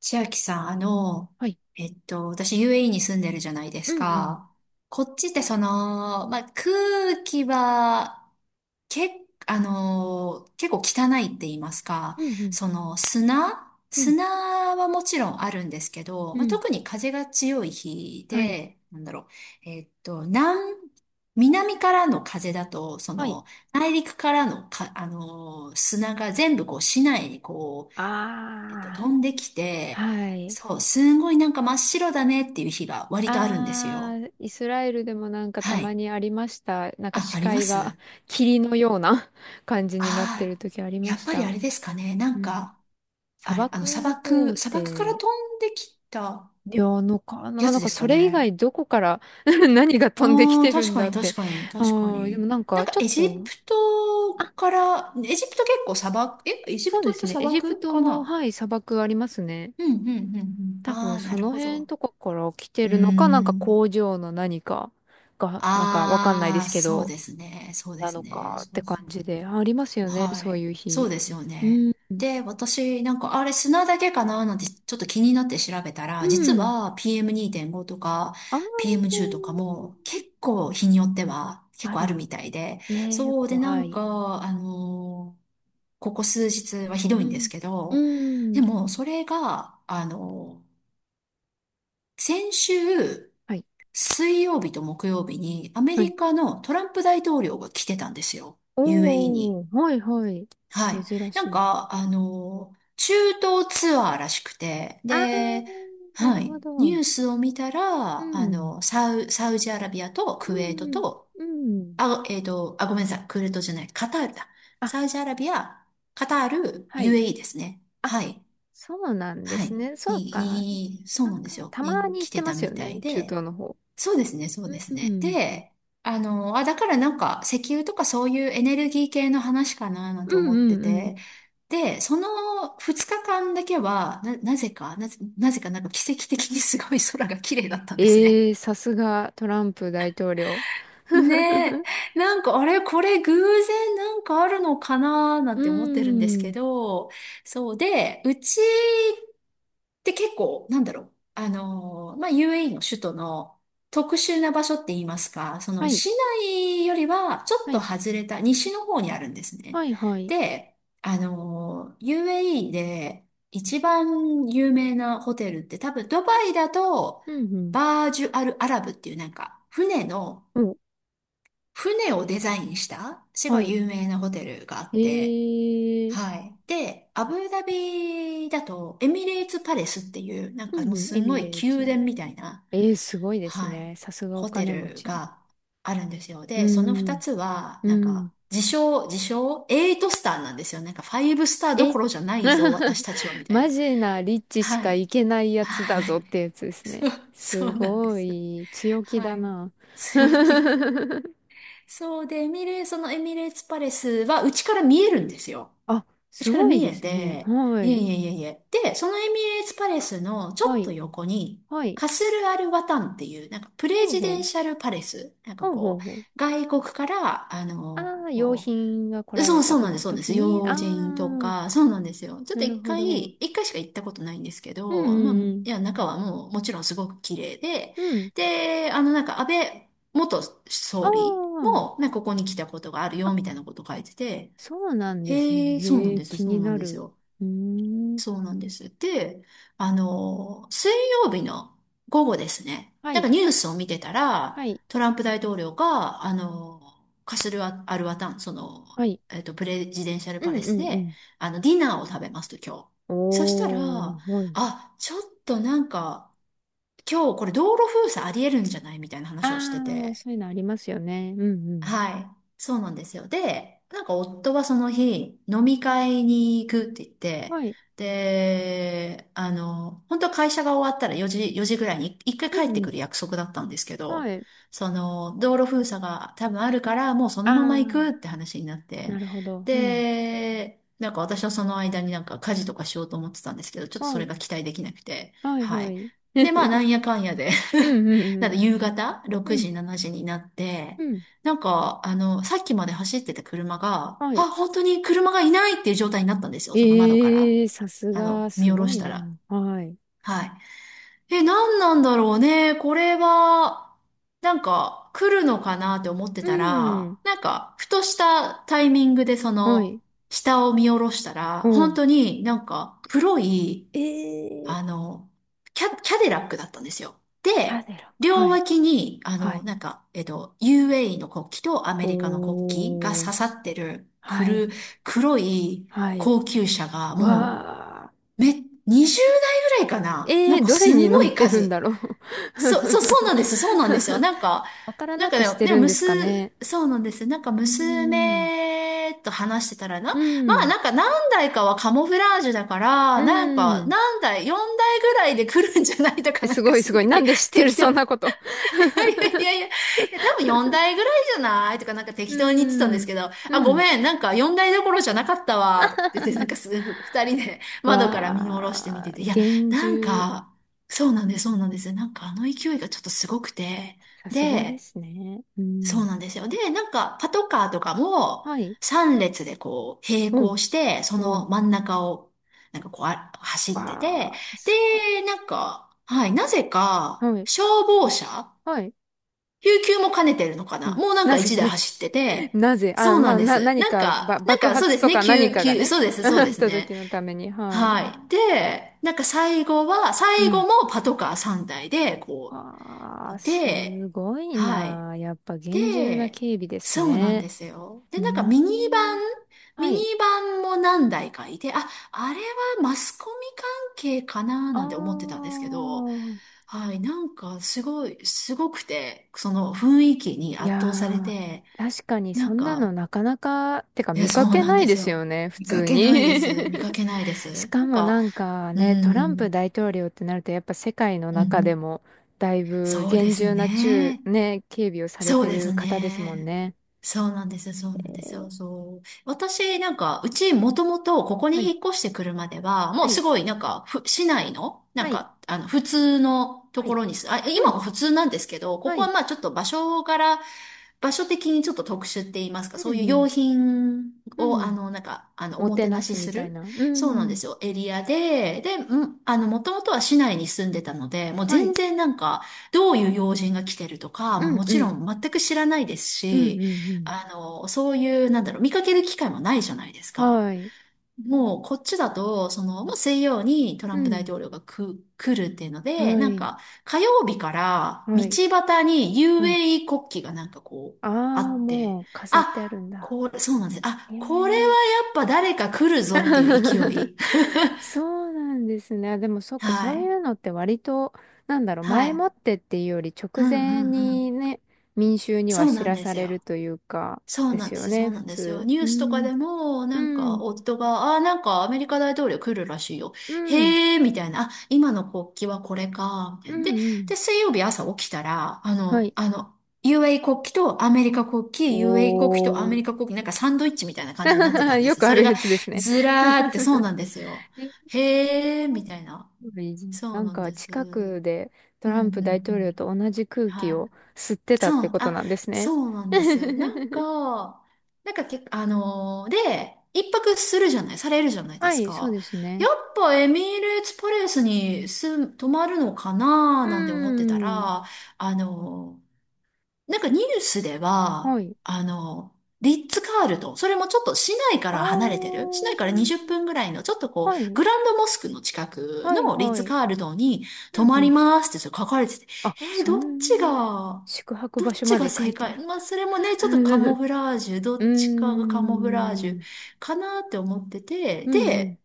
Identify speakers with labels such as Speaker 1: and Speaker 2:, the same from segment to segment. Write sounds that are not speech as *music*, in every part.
Speaker 1: 千秋さん、
Speaker 2: はい。
Speaker 1: 私 UAE に住んでるじゃないで
Speaker 2: う
Speaker 1: す
Speaker 2: んうん。
Speaker 1: か。こっちってまあ、空気は、け、あの、結構汚いって言いますか、
Speaker 2: うんうん。
Speaker 1: その砂
Speaker 2: うん
Speaker 1: 砂はもちろんあるんですけど、
Speaker 2: う
Speaker 1: まあ、
Speaker 2: ん。
Speaker 1: 特に風が強い日
Speaker 2: はい。
Speaker 1: で、なんだろう、えっと、南、南からの風だと、
Speaker 2: はい。
Speaker 1: 内陸からのか、砂が全部こう市内にこう、て言って飛
Speaker 2: あ
Speaker 1: んでき
Speaker 2: あ、
Speaker 1: て、
Speaker 2: はい。
Speaker 1: そう、すんごいなんか真っ白だねっていう日が割とあるんです
Speaker 2: あ
Speaker 1: よ。
Speaker 2: あ、イスラエルでもなんかた
Speaker 1: は
Speaker 2: ま
Speaker 1: い。
Speaker 2: にありました。なんか
Speaker 1: あ、
Speaker 2: 視
Speaker 1: ありま
Speaker 2: 界が
Speaker 1: す。
Speaker 2: *laughs* 霧のような *laughs* 感じになってる
Speaker 1: ああ、
Speaker 2: 時ありま
Speaker 1: やっ
Speaker 2: し
Speaker 1: ぱりあ
Speaker 2: た。
Speaker 1: れですかね。な
Speaker 2: う
Speaker 1: ん
Speaker 2: ん。
Speaker 1: か、
Speaker 2: 砂
Speaker 1: あれ、
Speaker 2: 漠の
Speaker 1: 砂
Speaker 2: 方
Speaker 1: 漠、砂漠から
Speaker 2: で、
Speaker 1: 飛んできた
Speaker 2: いや、のかな、
Speaker 1: や
Speaker 2: なん
Speaker 1: つで
Speaker 2: か
Speaker 1: す
Speaker 2: そ
Speaker 1: か
Speaker 2: れ以
Speaker 1: ね。
Speaker 2: 外どこから *laughs* 何が飛んでき
Speaker 1: ああ、
Speaker 2: てる
Speaker 1: 確
Speaker 2: ん
Speaker 1: か
Speaker 2: だ
Speaker 1: に
Speaker 2: って。
Speaker 1: 確かに確か
Speaker 2: ああ、でも
Speaker 1: に。
Speaker 2: なん
Speaker 1: なん
Speaker 2: か
Speaker 1: か
Speaker 2: ちょっ
Speaker 1: エジ
Speaker 2: と、
Speaker 1: プト
Speaker 2: あ、
Speaker 1: から、エジプト結構砂漠、エジ
Speaker 2: そ
Speaker 1: プ
Speaker 2: う
Speaker 1: ト
Speaker 2: で
Speaker 1: っ
Speaker 2: す
Speaker 1: て
Speaker 2: ね。
Speaker 1: 砂
Speaker 2: エジプ
Speaker 1: 漠
Speaker 2: ト
Speaker 1: か
Speaker 2: も、
Speaker 1: な。
Speaker 2: はい、砂漠ありますね。
Speaker 1: うんうんうんうん。
Speaker 2: 多
Speaker 1: あ
Speaker 2: 分
Speaker 1: あ、
Speaker 2: そ
Speaker 1: なる
Speaker 2: の
Speaker 1: ほど。
Speaker 2: 辺とかから来て
Speaker 1: うー
Speaker 2: るのか、なんか
Speaker 1: ん。
Speaker 2: 工場の何かが、なんかわかんないで
Speaker 1: ああ、
Speaker 2: すけ
Speaker 1: そう
Speaker 2: ど、
Speaker 1: ですね。そうで
Speaker 2: な
Speaker 1: す
Speaker 2: の
Speaker 1: ね。
Speaker 2: かっ
Speaker 1: そ
Speaker 2: て
Speaker 1: う
Speaker 2: 感
Speaker 1: そう。
Speaker 2: じで、あ、ありますよね、
Speaker 1: は
Speaker 2: そうい
Speaker 1: い。
Speaker 2: う
Speaker 1: そう
Speaker 2: 日。
Speaker 1: ですよね。
Speaker 2: うん。
Speaker 1: で、私、なんか、あれ砂だけかななんて、ちょっと気になって調べた
Speaker 2: う
Speaker 1: ら、実
Speaker 2: ん。
Speaker 1: は PM2.5 とか
Speaker 2: あー
Speaker 1: PM10 とかも結構日によっては結
Speaker 2: あ
Speaker 1: 構ある
Speaker 2: る。
Speaker 1: みたいで、
Speaker 2: えー、
Speaker 1: そうで、な
Speaker 2: 怖
Speaker 1: ん
Speaker 2: い。
Speaker 1: か、ここ数日はひどい
Speaker 2: う
Speaker 1: んです
Speaker 2: ん。
Speaker 1: け
Speaker 2: う
Speaker 1: ど、で
Speaker 2: ん。
Speaker 1: も、それが、先週、
Speaker 2: はい。
Speaker 1: 水曜日と木曜日にアメ
Speaker 2: はい。
Speaker 1: リカのトランプ大統領が来てたんですよ。UAE に。
Speaker 2: おー、はい、はい。
Speaker 1: はい。
Speaker 2: 珍
Speaker 1: な
Speaker 2: し
Speaker 1: ん
Speaker 2: い。
Speaker 1: か、中東ツアーらしくて、
Speaker 2: あー、
Speaker 1: で、
Speaker 2: な
Speaker 1: は
Speaker 2: る
Speaker 1: い。
Speaker 2: ほ
Speaker 1: ニュ
Speaker 2: ど。
Speaker 1: ースを見た
Speaker 2: う
Speaker 1: ら、
Speaker 2: ん。
Speaker 1: サウジアラビアと
Speaker 2: う
Speaker 1: クウェート
Speaker 2: ん、
Speaker 1: と、
Speaker 2: うん。うん。
Speaker 1: あ、あ、ごめんなさい。クウェートじゃない。カタールだ。
Speaker 2: あ、
Speaker 1: サウジアラビア、カタール、
Speaker 2: はい。
Speaker 1: UAE ですね。
Speaker 2: あ、
Speaker 1: はい。
Speaker 2: そうなんで
Speaker 1: は
Speaker 2: す
Speaker 1: い。
Speaker 2: ね。そう
Speaker 1: に、
Speaker 2: か。
Speaker 1: に、そう
Speaker 2: なん
Speaker 1: なんで
Speaker 2: か、
Speaker 1: すよ。
Speaker 2: たま
Speaker 1: に
Speaker 2: に行
Speaker 1: 来
Speaker 2: って
Speaker 1: て
Speaker 2: ま
Speaker 1: た
Speaker 2: すよ
Speaker 1: みたい
Speaker 2: ね、中
Speaker 1: で。
Speaker 2: 東の方。
Speaker 1: そうですね、そうです
Speaker 2: う
Speaker 1: ね。
Speaker 2: ん。
Speaker 1: で、あ、だからなんか石油とかそういうエネルギー系の話かななん
Speaker 2: う
Speaker 1: て思っ
Speaker 2: んう
Speaker 1: て
Speaker 2: んうん。
Speaker 1: て。で、その2日間だけは、なぜかなんか奇跡的にすごい空が綺麗だったんですね。
Speaker 2: ええー、さすがトランプ大統領。*laughs*
Speaker 1: ねえ、なんかあれ、これ偶然なんかあるのかなーな
Speaker 2: う
Speaker 1: ん
Speaker 2: ー
Speaker 1: て思ってるんですけ
Speaker 2: ん。
Speaker 1: ど、そうで、うちで、結構、なんだろう。まあ、UAE の首都の特殊な場所って言いますか、そ
Speaker 2: は
Speaker 1: の
Speaker 2: い。
Speaker 1: 市内よりはちょっ
Speaker 2: は
Speaker 1: と
Speaker 2: い。
Speaker 1: 外れた西の方にあるんですね。
Speaker 2: はいはい。
Speaker 1: で、UAE で一番有名なホテルって多分ドバイだと
Speaker 2: うん
Speaker 1: バージュアルアラブっていうなんか
Speaker 2: うん。
Speaker 1: 船をデザインした、す
Speaker 2: お、は
Speaker 1: ごい
Speaker 2: い。
Speaker 1: 有名なホテルがあ
Speaker 2: え
Speaker 1: って、
Speaker 2: えー。
Speaker 1: はい。で、アブダビだと、エミレーツパレスっていう、なん
Speaker 2: う
Speaker 1: か
Speaker 2: ん
Speaker 1: もう
Speaker 2: うん。
Speaker 1: す
Speaker 2: エ
Speaker 1: んご
Speaker 2: ミ
Speaker 1: い
Speaker 2: レーツ。
Speaker 1: 宮殿みたいな、
Speaker 2: ええー、すごいです
Speaker 1: はい、
Speaker 2: ね。さすがお
Speaker 1: ホテ
Speaker 2: 金持
Speaker 1: ル
Speaker 2: ちの。
Speaker 1: があるんですよ。
Speaker 2: うー
Speaker 1: で、その二
Speaker 2: ん。
Speaker 1: つは、
Speaker 2: う
Speaker 1: なん
Speaker 2: ん。
Speaker 1: か、自称、エイトスターなんですよ。なんか、ファイブスターど
Speaker 2: え
Speaker 1: ころじゃないぞ、私
Speaker 2: *laughs*
Speaker 1: たちは、みたい
Speaker 2: マ
Speaker 1: な。
Speaker 2: ジなリッチし
Speaker 1: は
Speaker 2: か
Speaker 1: い。
Speaker 2: 行けない
Speaker 1: *laughs*
Speaker 2: やつ
Speaker 1: は
Speaker 2: だぞっ
Speaker 1: い。
Speaker 2: てやつです
Speaker 1: そ
Speaker 2: ね。
Speaker 1: う、そ
Speaker 2: す
Speaker 1: うなんで
Speaker 2: ご
Speaker 1: す。
Speaker 2: い、強気
Speaker 1: は
Speaker 2: だ
Speaker 1: い。
Speaker 2: な。
Speaker 1: 強
Speaker 2: *laughs*
Speaker 1: 気。そうで、エミレ、そのエミレーツパレスは、うちから見えるんですよ。
Speaker 2: あ、
Speaker 1: うち
Speaker 2: す
Speaker 1: から
Speaker 2: ごい
Speaker 1: 見
Speaker 2: で
Speaker 1: え
Speaker 2: すね。
Speaker 1: て、
Speaker 2: は
Speaker 1: いえ
Speaker 2: い。
Speaker 1: いえいえいえ。で、そのエミレーツパレスのちょ
Speaker 2: は
Speaker 1: っと
Speaker 2: い。
Speaker 1: 横に、
Speaker 2: はい。
Speaker 1: カスル・アル・ワタンっていう、なんかプレ
Speaker 2: ほう
Speaker 1: ジ
Speaker 2: ほ
Speaker 1: デン
Speaker 2: う。
Speaker 1: シャル・パレス。なんか
Speaker 2: ほうほ
Speaker 1: こ
Speaker 2: うほう。
Speaker 1: う、外国から、
Speaker 2: ああ、用
Speaker 1: こ
Speaker 2: 品が来
Speaker 1: う
Speaker 2: ら
Speaker 1: そ
Speaker 2: れ
Speaker 1: う、
Speaker 2: た
Speaker 1: そう
Speaker 2: こ
Speaker 1: なんです、そうで
Speaker 2: 時
Speaker 1: す。
Speaker 2: に、あ
Speaker 1: 要人と
Speaker 2: あ、
Speaker 1: か、そうなんですよ。ちょっと
Speaker 2: なる
Speaker 1: 一
Speaker 2: ほど。
Speaker 1: 回、一回しか行ったことないんですけ
Speaker 2: う
Speaker 1: ど、まあ、
Speaker 2: んうん
Speaker 1: いや、中はもう、もちろんすごく綺麗で、
Speaker 2: うん。うん。
Speaker 1: で、なんか安倍元総理
Speaker 2: あ
Speaker 1: も、なんかここに来たことがある
Speaker 2: あ、
Speaker 1: よ、
Speaker 2: あ、
Speaker 1: みたいなこと書いてて、
Speaker 2: そうなんですね。
Speaker 1: へえ、そうな
Speaker 2: へ
Speaker 1: ん
Speaker 2: え、
Speaker 1: です、
Speaker 2: 気
Speaker 1: そう
Speaker 2: に
Speaker 1: なん
Speaker 2: な
Speaker 1: です
Speaker 2: る。
Speaker 1: よ。
Speaker 2: うーん。
Speaker 1: そうなんです。で、水曜日の午後ですね。
Speaker 2: は
Speaker 1: なんか
Speaker 2: い。
Speaker 1: ニュースを見てたら、
Speaker 2: はい。
Speaker 1: トランプ大統領が、カスルア、アルワタン、
Speaker 2: はい。
Speaker 1: プレジデンシャル
Speaker 2: う
Speaker 1: パ
Speaker 2: ん
Speaker 1: レ
Speaker 2: う
Speaker 1: ス
Speaker 2: んう
Speaker 1: で、
Speaker 2: ん。
Speaker 1: ディナーを食べますと、今日。そした
Speaker 2: お
Speaker 1: ら、
Speaker 2: ー、はい。
Speaker 1: あ、ちょっとなんか、今日これ道路封鎖ありえるんじゃないみたいな話をし
Speaker 2: あ
Speaker 1: て
Speaker 2: あ、
Speaker 1: て。
Speaker 2: そういうのありますよね。うんうん。
Speaker 1: はい。そうなんですよ。で、なんか夫はその日、飲み会に行くって言って、
Speaker 2: はい。
Speaker 1: で、本当は会社が終わったら4時ぐらいに一回
Speaker 2: うん
Speaker 1: 帰って
Speaker 2: う
Speaker 1: く
Speaker 2: ん。
Speaker 1: る約束だったんですけ
Speaker 2: は
Speaker 1: ど、
Speaker 2: い。
Speaker 1: 道路封鎖が多分あるから、もうそ
Speaker 2: あ
Speaker 1: のまま行
Speaker 2: あ、
Speaker 1: くって話になって、
Speaker 2: なるほど。うん。
Speaker 1: で、なんか私はその間になんか家事とかしようと思ってたんですけど、ちょっとそ
Speaker 2: は
Speaker 1: れ
Speaker 2: い。
Speaker 1: が期待できなくて、
Speaker 2: はい
Speaker 1: は
Speaker 2: は
Speaker 1: い。
Speaker 2: い。
Speaker 1: で、まあ、な
Speaker 2: *laughs*
Speaker 1: んやかんやで
Speaker 2: う
Speaker 1: *laughs*
Speaker 2: んう
Speaker 1: なんか
Speaker 2: ん
Speaker 1: 夕方
Speaker 2: うん。
Speaker 1: 6
Speaker 2: う
Speaker 1: 時、
Speaker 2: ん。
Speaker 1: 7時になって、
Speaker 2: うん。
Speaker 1: なんか、さっきまで走ってた車が、
Speaker 2: はい。
Speaker 1: あ、本当に車がいないっていう状態になったんですよ。その窓から。
Speaker 2: ええー、さすが、す
Speaker 1: 見下ろ
Speaker 2: ご
Speaker 1: し
Speaker 2: い
Speaker 1: た
Speaker 2: な。
Speaker 1: ら。
Speaker 2: はい。
Speaker 1: はい。え、何なんだろうね。これは、なんか、来るのかなって思って
Speaker 2: う
Speaker 1: たら、
Speaker 2: ん。
Speaker 1: なんか、ふとしたタイミングで
Speaker 2: はい。
Speaker 1: 下を見下ろした
Speaker 2: お
Speaker 1: ら、本
Speaker 2: う。
Speaker 1: 当になんか、黒い
Speaker 2: ええー、
Speaker 1: あの、キャデラックだったんですよ。
Speaker 2: キャ
Speaker 1: で、
Speaker 2: デラック。
Speaker 1: 両
Speaker 2: はい。
Speaker 1: 脇に、
Speaker 2: はい。
Speaker 1: なんか、UAE の国旗とアメリカの国旗が
Speaker 2: おーし。
Speaker 1: 刺さ
Speaker 2: す
Speaker 1: ってる、
Speaker 2: はい。
Speaker 1: 黒い
Speaker 2: はい。
Speaker 1: 高級車が、も
Speaker 2: わあ。
Speaker 1: う、20台ぐらいかな
Speaker 2: え
Speaker 1: な
Speaker 2: え
Speaker 1: ん
Speaker 2: ー、
Speaker 1: か
Speaker 2: どれ
Speaker 1: すん
Speaker 2: に
Speaker 1: ご
Speaker 2: 乗っ
Speaker 1: い
Speaker 2: てるん
Speaker 1: 数。
Speaker 2: だろう。
Speaker 1: そう、そう、そう
Speaker 2: *laughs*
Speaker 1: なんです、そうなんですよ。なんか、
Speaker 2: わから
Speaker 1: なん
Speaker 2: な
Speaker 1: か
Speaker 2: くし
Speaker 1: ね、
Speaker 2: て
Speaker 1: でも、
Speaker 2: るんですかね。
Speaker 1: そうなんですよ。なんか
Speaker 2: うーん。
Speaker 1: 娘と話してたらな。
Speaker 2: う
Speaker 1: まあ
Speaker 2: ん。
Speaker 1: なんか何台かはカモフラージュだか
Speaker 2: う
Speaker 1: ら、なんか
Speaker 2: ん。
Speaker 1: 4台ぐらいで来るんじゃないとか、
Speaker 2: え、
Speaker 1: な
Speaker 2: す
Speaker 1: んか
Speaker 2: ごい
Speaker 1: す
Speaker 2: す
Speaker 1: ご
Speaker 2: ごい。
Speaker 1: い
Speaker 2: な
Speaker 1: て
Speaker 2: んで知ってる
Speaker 1: 適当。
Speaker 2: そんなこ
Speaker 1: *laughs*
Speaker 2: と。
Speaker 1: いやいやいやいや、多分4台ぐらいじゃないとか、なんか
Speaker 2: う
Speaker 1: 適当に言ってたんで
Speaker 2: ー
Speaker 1: す
Speaker 2: ん。
Speaker 1: けど、あ、
Speaker 2: う
Speaker 1: ご
Speaker 2: ん。
Speaker 1: めん、なんか4台どころじゃなかったわって言って、なんかす、2人で窓から見下ろして見
Speaker 2: わあ、
Speaker 1: てて、いや、
Speaker 2: 厳
Speaker 1: なん
Speaker 2: 重。
Speaker 1: か、そうなんです、そうなんです。なんかあの勢いがちょっとすごくて、
Speaker 2: さすがで
Speaker 1: で、
Speaker 2: すね。う
Speaker 1: そう
Speaker 2: ん。
Speaker 1: なんですよ。で、なんか、パトカーとかも、
Speaker 2: はい。
Speaker 1: 3列でこう、並
Speaker 2: うん。
Speaker 1: 行して、その
Speaker 2: お。
Speaker 1: 真ん中を、なんかこう、走ってて、
Speaker 2: わあ、すごい。
Speaker 1: で、なんか、はい、なぜか、
Speaker 2: はい。
Speaker 1: 消防車
Speaker 2: はい。
Speaker 1: 救急も兼ねてるのか
Speaker 2: う
Speaker 1: な
Speaker 2: ん。
Speaker 1: もうなん
Speaker 2: な
Speaker 1: か
Speaker 2: ぜ
Speaker 1: 1台走って
Speaker 2: *laughs*
Speaker 1: て、
Speaker 2: なぜあ、
Speaker 1: そう
Speaker 2: ま
Speaker 1: なん
Speaker 2: あ、
Speaker 1: で
Speaker 2: な、
Speaker 1: す。
Speaker 2: 何
Speaker 1: なん
Speaker 2: か、ば、
Speaker 1: か、なん
Speaker 2: 爆
Speaker 1: かそうで
Speaker 2: 発
Speaker 1: す
Speaker 2: と
Speaker 1: ね、
Speaker 2: か何
Speaker 1: 救
Speaker 2: かが
Speaker 1: 急、
Speaker 2: ね、
Speaker 1: そうで
Speaker 2: *laughs*
Speaker 1: す、
Speaker 2: あ
Speaker 1: そうで
Speaker 2: っ
Speaker 1: す
Speaker 2: た
Speaker 1: ね。
Speaker 2: 時のために。はい。
Speaker 1: はい。で、なんか最後は、
Speaker 2: う
Speaker 1: 最後
Speaker 2: ん。
Speaker 1: もパトカー3台で、こ
Speaker 2: わ
Speaker 1: う、い
Speaker 2: あ、す
Speaker 1: て、
Speaker 2: ごい
Speaker 1: はい。
Speaker 2: な。やっぱ厳重な
Speaker 1: で、
Speaker 2: 警備です
Speaker 1: そうなん
Speaker 2: ね。
Speaker 1: ですよ。
Speaker 2: う
Speaker 1: で、
Speaker 2: ー
Speaker 1: なんかミニバン、
Speaker 2: ん。
Speaker 1: ミ
Speaker 2: はい。
Speaker 1: ニバンも何台かいて、あ、あれはマスコミ関係かな
Speaker 2: あ
Speaker 1: なんて思ってたんですけど、
Speaker 2: あ。
Speaker 1: はい、なんかすごい、すごくて、その雰囲気に
Speaker 2: い
Speaker 1: 圧倒され
Speaker 2: や
Speaker 1: て、
Speaker 2: ー、確かに
Speaker 1: な
Speaker 2: そ
Speaker 1: ん
Speaker 2: んなの
Speaker 1: か、
Speaker 2: なかなか、てか見
Speaker 1: そ
Speaker 2: か
Speaker 1: う
Speaker 2: け
Speaker 1: なん
Speaker 2: ない
Speaker 1: で
Speaker 2: で
Speaker 1: す
Speaker 2: す
Speaker 1: よ。
Speaker 2: よね、普
Speaker 1: 見か
Speaker 2: 通
Speaker 1: け
Speaker 2: に。
Speaker 1: ないです。見か
Speaker 2: *laughs*
Speaker 1: けないで
Speaker 2: し
Speaker 1: す。
Speaker 2: か
Speaker 1: なん
Speaker 2: も
Speaker 1: か、
Speaker 2: なんか
Speaker 1: うー
Speaker 2: ね、トランプ
Speaker 1: ん、
Speaker 2: 大統領ってなるとやっぱ世界の
Speaker 1: うん、う
Speaker 2: 中で
Speaker 1: ん、
Speaker 2: もだいぶ
Speaker 1: そうで
Speaker 2: 厳
Speaker 1: す
Speaker 2: 重な中、
Speaker 1: ね。
Speaker 2: ね、警備をされ
Speaker 1: そう
Speaker 2: て
Speaker 1: で
Speaker 2: る
Speaker 1: す
Speaker 2: 方ですもん
Speaker 1: ね。
Speaker 2: ね。
Speaker 1: そうなんですよ、そうなん
Speaker 2: え
Speaker 1: です
Speaker 2: ー
Speaker 1: よ、そう。私、なんか、うち、もともと、ここに
Speaker 2: はい。
Speaker 1: 引っ越してくるまでは、も
Speaker 2: は
Speaker 1: うす
Speaker 2: い。
Speaker 1: ごい、なんか、市内の、な
Speaker 2: は
Speaker 1: ん
Speaker 2: い。
Speaker 1: か、あの、普通のと
Speaker 2: は
Speaker 1: こ
Speaker 2: い。
Speaker 1: ろにあ、
Speaker 2: う
Speaker 1: 今
Speaker 2: ん。
Speaker 1: も普通なんですけど、こ
Speaker 2: は
Speaker 1: こは
Speaker 2: い。
Speaker 1: まあ、ちょっと場所から、場所的にちょっと特殊って言いますか、そ
Speaker 2: う
Speaker 1: うい
Speaker 2: ん
Speaker 1: う
Speaker 2: う
Speaker 1: 用
Speaker 2: ん
Speaker 1: 品
Speaker 2: う
Speaker 1: を、あ
Speaker 2: ん。
Speaker 1: の、なんか、あの、お
Speaker 2: も
Speaker 1: も
Speaker 2: て
Speaker 1: て
Speaker 2: な
Speaker 1: な
Speaker 2: す
Speaker 1: し
Speaker 2: み
Speaker 1: す
Speaker 2: たい
Speaker 1: る、
Speaker 2: な。う
Speaker 1: そうなんで
Speaker 2: ん。
Speaker 1: すよ、エリアで、で、うん、あの、もともとは市内に住んでたので、もう
Speaker 2: は
Speaker 1: 全
Speaker 2: い。
Speaker 1: 然なんか、どういう要人が来てるとか、もう
Speaker 2: うん
Speaker 1: も
Speaker 2: う
Speaker 1: ちろ
Speaker 2: ん。
Speaker 1: ん全く知らないです
Speaker 2: うん
Speaker 1: し、
Speaker 2: うん
Speaker 1: あの、そういう、なんだろう、見かける機会もないじゃないです
Speaker 2: うん。
Speaker 1: か。
Speaker 2: はい。
Speaker 1: もう、こっちだと、その、もう水曜にトラ
Speaker 2: う
Speaker 1: ンプ大
Speaker 2: ん。
Speaker 1: 統領が来るっていうので、
Speaker 2: は
Speaker 1: なん
Speaker 2: い。
Speaker 1: か、火曜日から道
Speaker 2: はい。
Speaker 1: 端に
Speaker 2: はい。
Speaker 1: UAE 国旗がなんかこう、
Speaker 2: あ
Speaker 1: あ
Speaker 2: あ、
Speaker 1: って、
Speaker 2: もう飾ってある
Speaker 1: あ、
Speaker 2: んだ。
Speaker 1: これ、そうなんです。あ、
Speaker 2: へ
Speaker 1: これはや
Speaker 2: え。
Speaker 1: っぱ誰か来るぞっていう勢
Speaker 2: *laughs*
Speaker 1: い。
Speaker 2: そうなんですね。でもそ
Speaker 1: *laughs*
Speaker 2: っか、
Speaker 1: は
Speaker 2: そうい
Speaker 1: い。
Speaker 2: うのって割と、なんだろう、
Speaker 1: は
Speaker 2: 前
Speaker 1: い。
Speaker 2: もってっていうより
Speaker 1: う
Speaker 2: 直
Speaker 1: んうん
Speaker 2: 前
Speaker 1: うん。
Speaker 2: にね、民衆に
Speaker 1: そ
Speaker 2: は
Speaker 1: う
Speaker 2: 知
Speaker 1: なん
Speaker 2: ら
Speaker 1: で
Speaker 2: さ
Speaker 1: す
Speaker 2: れる
Speaker 1: よ。
Speaker 2: というか、
Speaker 1: そう
Speaker 2: で
Speaker 1: なん
Speaker 2: す
Speaker 1: で
Speaker 2: よ
Speaker 1: すよ、そ
Speaker 2: ね、
Speaker 1: うな
Speaker 2: 普
Speaker 1: んですよ。
Speaker 2: 通。
Speaker 1: ニュ
Speaker 2: う
Speaker 1: ースとか
Speaker 2: ん。
Speaker 1: でも、
Speaker 2: う
Speaker 1: なんか、
Speaker 2: ん。
Speaker 1: 夫が、あーなんかアメリカ大統領来るらしいよ。
Speaker 2: うん。
Speaker 1: へーみたいな、あ、今の国旗はこれか、みた
Speaker 2: う
Speaker 1: いな。で、
Speaker 2: ん。う
Speaker 1: で、
Speaker 2: ん。
Speaker 1: 水曜日朝起きたら、あ
Speaker 2: は
Speaker 1: の、
Speaker 2: い。
Speaker 1: あの、u a 国旗とアメリカ国旗、
Speaker 2: お
Speaker 1: u a 国旗とアメリ
Speaker 2: ー
Speaker 1: カ国旗、なんかサンドイッチみたいな感じになってた
Speaker 2: *laughs*
Speaker 1: んで
Speaker 2: よ
Speaker 1: す。
Speaker 2: く
Speaker 1: そ
Speaker 2: あ
Speaker 1: れ
Speaker 2: る
Speaker 1: が、
Speaker 2: やつですね。
Speaker 1: ずらーってそうなん
Speaker 2: *laughs*
Speaker 1: ですよ。
Speaker 2: え、
Speaker 1: へーみたいな。そう
Speaker 2: なん
Speaker 1: なん
Speaker 2: か
Speaker 1: です。う
Speaker 2: 近く
Speaker 1: ん、
Speaker 2: でト
Speaker 1: うん、う
Speaker 2: ランプ大統領
Speaker 1: ん。
Speaker 2: と同じ空気
Speaker 1: は
Speaker 2: を
Speaker 1: い。
Speaker 2: 吸ってた
Speaker 1: そ
Speaker 2: って
Speaker 1: う、
Speaker 2: こと
Speaker 1: あ、
Speaker 2: なんです
Speaker 1: そ
Speaker 2: ね。
Speaker 1: うなんです。なん
Speaker 2: *laughs*
Speaker 1: か、なんかけあのーで、一泊するじゃない、されるじゃないで
Speaker 2: は
Speaker 1: す
Speaker 2: い、そう
Speaker 1: か。
Speaker 2: です
Speaker 1: や
Speaker 2: ね。
Speaker 1: っぱエミレーツパレスに泊まるのかな
Speaker 2: うー
Speaker 1: ーなんて思ってた
Speaker 2: ん。
Speaker 1: ら、あのーなんかニュースで
Speaker 2: は
Speaker 1: は、
Speaker 2: い。
Speaker 1: あの、リッツ・カールトン、それもちょっと市内か
Speaker 2: あ
Speaker 1: ら離れてる、市内から20
Speaker 2: ー。
Speaker 1: 分ぐらいの、ちょっとこう、
Speaker 2: はい。
Speaker 1: グランドモスクの近く
Speaker 2: はい、
Speaker 1: のリッ
Speaker 2: は
Speaker 1: ツ・
Speaker 2: い。
Speaker 1: カールトンに泊
Speaker 2: うん
Speaker 1: ま
Speaker 2: う
Speaker 1: り
Speaker 2: ん。
Speaker 1: ますってそれ書かれてて、
Speaker 2: あ、そ
Speaker 1: どっ
Speaker 2: ん
Speaker 1: ち
Speaker 2: な
Speaker 1: が、
Speaker 2: 宿泊
Speaker 1: どっ
Speaker 2: 場所
Speaker 1: ち
Speaker 2: ま
Speaker 1: が
Speaker 2: で書
Speaker 1: 正
Speaker 2: いてあ
Speaker 1: 解
Speaker 2: るん
Speaker 1: まあ、
Speaker 2: だ。
Speaker 1: それもね、ちょっとカモフ
Speaker 2: *laughs*
Speaker 1: ラージュ、ど
Speaker 2: うー
Speaker 1: っちかがカモフラージュ
Speaker 2: ん。
Speaker 1: かなって思ってて、
Speaker 2: うんうん。
Speaker 1: で、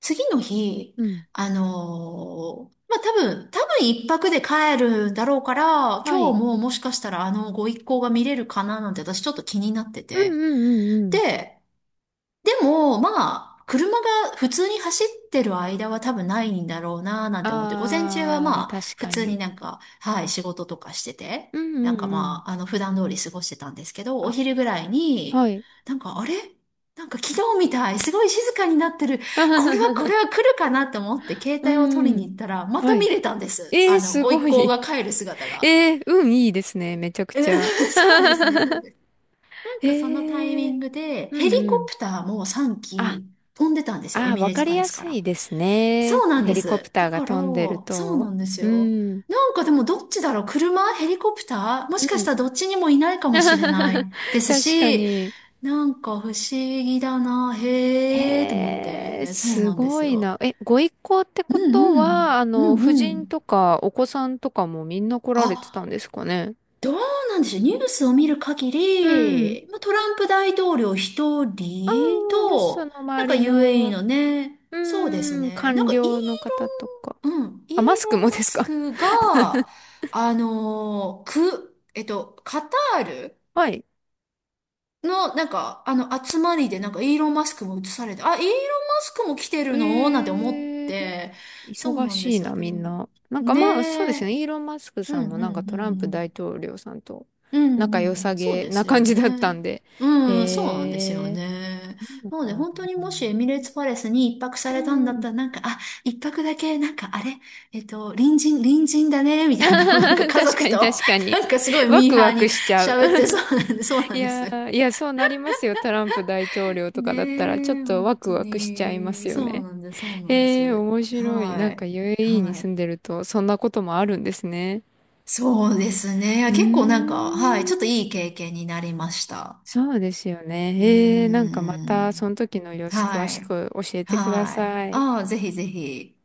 Speaker 1: 次の日、
Speaker 2: うん。
Speaker 1: まあ、多分一泊で帰るだろうから、
Speaker 2: は
Speaker 1: 今
Speaker 2: い。
Speaker 1: 日ももしかしたらあのご一行が見れるかななんて私ちょっと気になって
Speaker 2: うんう
Speaker 1: て。
Speaker 2: んうんうん。
Speaker 1: で、でも、まあ、車が普通に走ってる間は多分ないんだろうなーなんて思って、午前中は
Speaker 2: ああ、
Speaker 1: まあ、
Speaker 2: 確
Speaker 1: 普
Speaker 2: か
Speaker 1: 通に
Speaker 2: に。
Speaker 1: なんか、はい、仕事とかしてて、
Speaker 2: うん
Speaker 1: な
Speaker 2: う
Speaker 1: んか
Speaker 2: んう
Speaker 1: ま
Speaker 2: ん。
Speaker 1: あ、あの、普段通り過ごしてたんですけど、お
Speaker 2: あ、
Speaker 1: 昼ぐらいに、
Speaker 2: はい。
Speaker 1: なんか、あれなんか昨日みたい、すごい静かになってる。これはこ
Speaker 2: *laughs*
Speaker 1: れは来るかなと思って、携
Speaker 2: う
Speaker 1: 帯を取りに
Speaker 2: ん。
Speaker 1: 行ったら、また
Speaker 2: は
Speaker 1: 見
Speaker 2: い。
Speaker 1: れたんです。
Speaker 2: え
Speaker 1: あ
Speaker 2: ー、
Speaker 1: の、
Speaker 2: す
Speaker 1: ご
Speaker 2: ご
Speaker 1: 一行
Speaker 2: い。
Speaker 1: が帰る姿
Speaker 2: *laughs*
Speaker 1: が。
Speaker 2: えー、運いいですね。めちゃく
Speaker 1: え
Speaker 2: ちゃ。
Speaker 1: *laughs* そうですね、そうです。な
Speaker 2: *laughs*
Speaker 1: ん
Speaker 2: え
Speaker 1: かそのタイミ
Speaker 2: ー、
Speaker 1: ングで、
Speaker 2: う
Speaker 1: ヘリ
Speaker 2: んう
Speaker 1: コ
Speaker 2: ん。
Speaker 1: プターも3
Speaker 2: あ、
Speaker 1: 機飛んでたんですよ。エ
Speaker 2: あー、
Speaker 1: ミ
Speaker 2: わ
Speaker 1: レー
Speaker 2: か
Speaker 1: ツ
Speaker 2: り
Speaker 1: パレ
Speaker 2: や
Speaker 1: スか
Speaker 2: す
Speaker 1: ら。
Speaker 2: いですね。
Speaker 1: そうなん
Speaker 2: ヘ
Speaker 1: で
Speaker 2: リコプ
Speaker 1: す。
Speaker 2: ター
Speaker 1: だ
Speaker 2: が
Speaker 1: から、
Speaker 2: 飛んでる
Speaker 1: そうな
Speaker 2: と。
Speaker 1: んです
Speaker 2: う
Speaker 1: よ。
Speaker 2: ん。
Speaker 1: なんかでもどっちだろう車ヘリコプターも
Speaker 2: う
Speaker 1: しかし
Speaker 2: ん。
Speaker 1: たらどっちにもいないかもしれ
Speaker 2: *laughs*
Speaker 1: ないです
Speaker 2: 確か
Speaker 1: し、
Speaker 2: に。
Speaker 1: なんか不思議だな。へーって思っ
Speaker 2: へえ、
Speaker 1: て。そう
Speaker 2: す
Speaker 1: なんで
Speaker 2: ご
Speaker 1: す
Speaker 2: い
Speaker 1: よ。
Speaker 2: な。え、ご一行って
Speaker 1: う
Speaker 2: こ
Speaker 1: ん
Speaker 2: と
Speaker 1: う
Speaker 2: は、
Speaker 1: ん。
Speaker 2: あ
Speaker 1: う
Speaker 2: の、夫
Speaker 1: んう
Speaker 2: 人
Speaker 1: ん。
Speaker 2: とかお子さんとかもみんな来られてた
Speaker 1: あ、
Speaker 2: んですかね。
Speaker 1: どうなんでしょう。ニュースを見る限
Speaker 2: うん。
Speaker 1: り、まあ、トランプ大統領一
Speaker 2: あ
Speaker 1: 人
Speaker 2: あ、で、そ
Speaker 1: と、
Speaker 2: の
Speaker 1: な
Speaker 2: 周
Speaker 1: んか
Speaker 2: り
Speaker 1: UAE
Speaker 2: の、
Speaker 1: のね、
Speaker 2: う
Speaker 1: そうです
Speaker 2: ーん、
Speaker 1: ね。なん
Speaker 2: 官
Speaker 1: かイー
Speaker 2: 僚の方とか。
Speaker 1: ロン、うん、イー
Speaker 2: あ、マスク
Speaker 1: ロン・
Speaker 2: も
Speaker 1: マ
Speaker 2: です
Speaker 1: ス
Speaker 2: か。
Speaker 1: クが、あのーく、えっと、カタール
Speaker 2: *laughs* はい。
Speaker 1: の、なんか、あの、集まりで、なんかイーロン・マスクも映されて、あ、イーロン・マスクも来てるのなんて思っ
Speaker 2: ええ、
Speaker 1: て、そう
Speaker 2: 忙
Speaker 1: なんで
Speaker 2: しい
Speaker 1: すよ。
Speaker 2: な、
Speaker 1: で
Speaker 2: みん
Speaker 1: も、
Speaker 2: な。なんかまあ、そうで
Speaker 1: ね
Speaker 2: す
Speaker 1: え。
Speaker 2: ね。イーロン・マスク
Speaker 1: う
Speaker 2: さ
Speaker 1: ん、
Speaker 2: んも
Speaker 1: う
Speaker 2: なんか
Speaker 1: ん、
Speaker 2: トランプ
Speaker 1: う
Speaker 2: 大
Speaker 1: ん。
Speaker 2: 統領さんと
Speaker 1: う
Speaker 2: 仲良
Speaker 1: んう
Speaker 2: さ
Speaker 1: ん、そう
Speaker 2: げ
Speaker 1: で
Speaker 2: な
Speaker 1: す
Speaker 2: 感
Speaker 1: よ
Speaker 2: じだったん
Speaker 1: ね。
Speaker 2: で。
Speaker 1: うん、そう
Speaker 2: へ
Speaker 1: なんですよ
Speaker 2: え、
Speaker 1: ね。
Speaker 2: そう
Speaker 1: なので、
Speaker 2: なん
Speaker 1: 本当
Speaker 2: だ。
Speaker 1: にもしエミレーツパレスに一泊さ
Speaker 2: う
Speaker 1: れたんだっ
Speaker 2: ん。
Speaker 1: たら、なんか、あ、一泊だけ、なんか、あれ、隣人だね、
Speaker 2: *laughs*
Speaker 1: み
Speaker 2: あ
Speaker 1: たいな、なん
Speaker 2: はは
Speaker 1: か家
Speaker 2: 確か
Speaker 1: 族と、
Speaker 2: に確か
Speaker 1: *laughs*
Speaker 2: に。
Speaker 1: なんかすごい
Speaker 2: ワ
Speaker 1: ミー
Speaker 2: ク
Speaker 1: ハ
Speaker 2: ワ
Speaker 1: ーに
Speaker 2: クしちゃう。
Speaker 1: 喋って、そうなんです、そう
Speaker 2: *laughs*
Speaker 1: な
Speaker 2: い
Speaker 1: んで
Speaker 2: や
Speaker 1: す。
Speaker 2: ー、いや、そうなりますよ。トランプ大統領とかだったら、ちょっ
Speaker 1: ねえ、
Speaker 2: と
Speaker 1: 本
Speaker 2: ワク
Speaker 1: 当
Speaker 2: ワクしちゃいます
Speaker 1: に、
Speaker 2: よ
Speaker 1: そう
Speaker 2: ね。
Speaker 1: なんです、そうなんで
Speaker 2: えー、
Speaker 1: す。
Speaker 2: 面白い。な
Speaker 1: は
Speaker 2: んか
Speaker 1: い、
Speaker 2: UAE に
Speaker 1: は
Speaker 2: 住んで
Speaker 1: い。
Speaker 2: ると、そんなこともあるんですね。
Speaker 1: そうですね。
Speaker 2: う
Speaker 1: 結構なんか、はい、ちょっと
Speaker 2: ーん。
Speaker 1: いい経験になりました。
Speaker 2: そうですよ
Speaker 1: う
Speaker 2: ね。えー、な
Speaker 1: ー
Speaker 2: んかまた、そ
Speaker 1: ん。
Speaker 2: の時の様子詳
Speaker 1: は
Speaker 2: し
Speaker 1: い。
Speaker 2: く教えてくだ
Speaker 1: はい。
Speaker 2: さい。
Speaker 1: ああ、ぜひぜひ。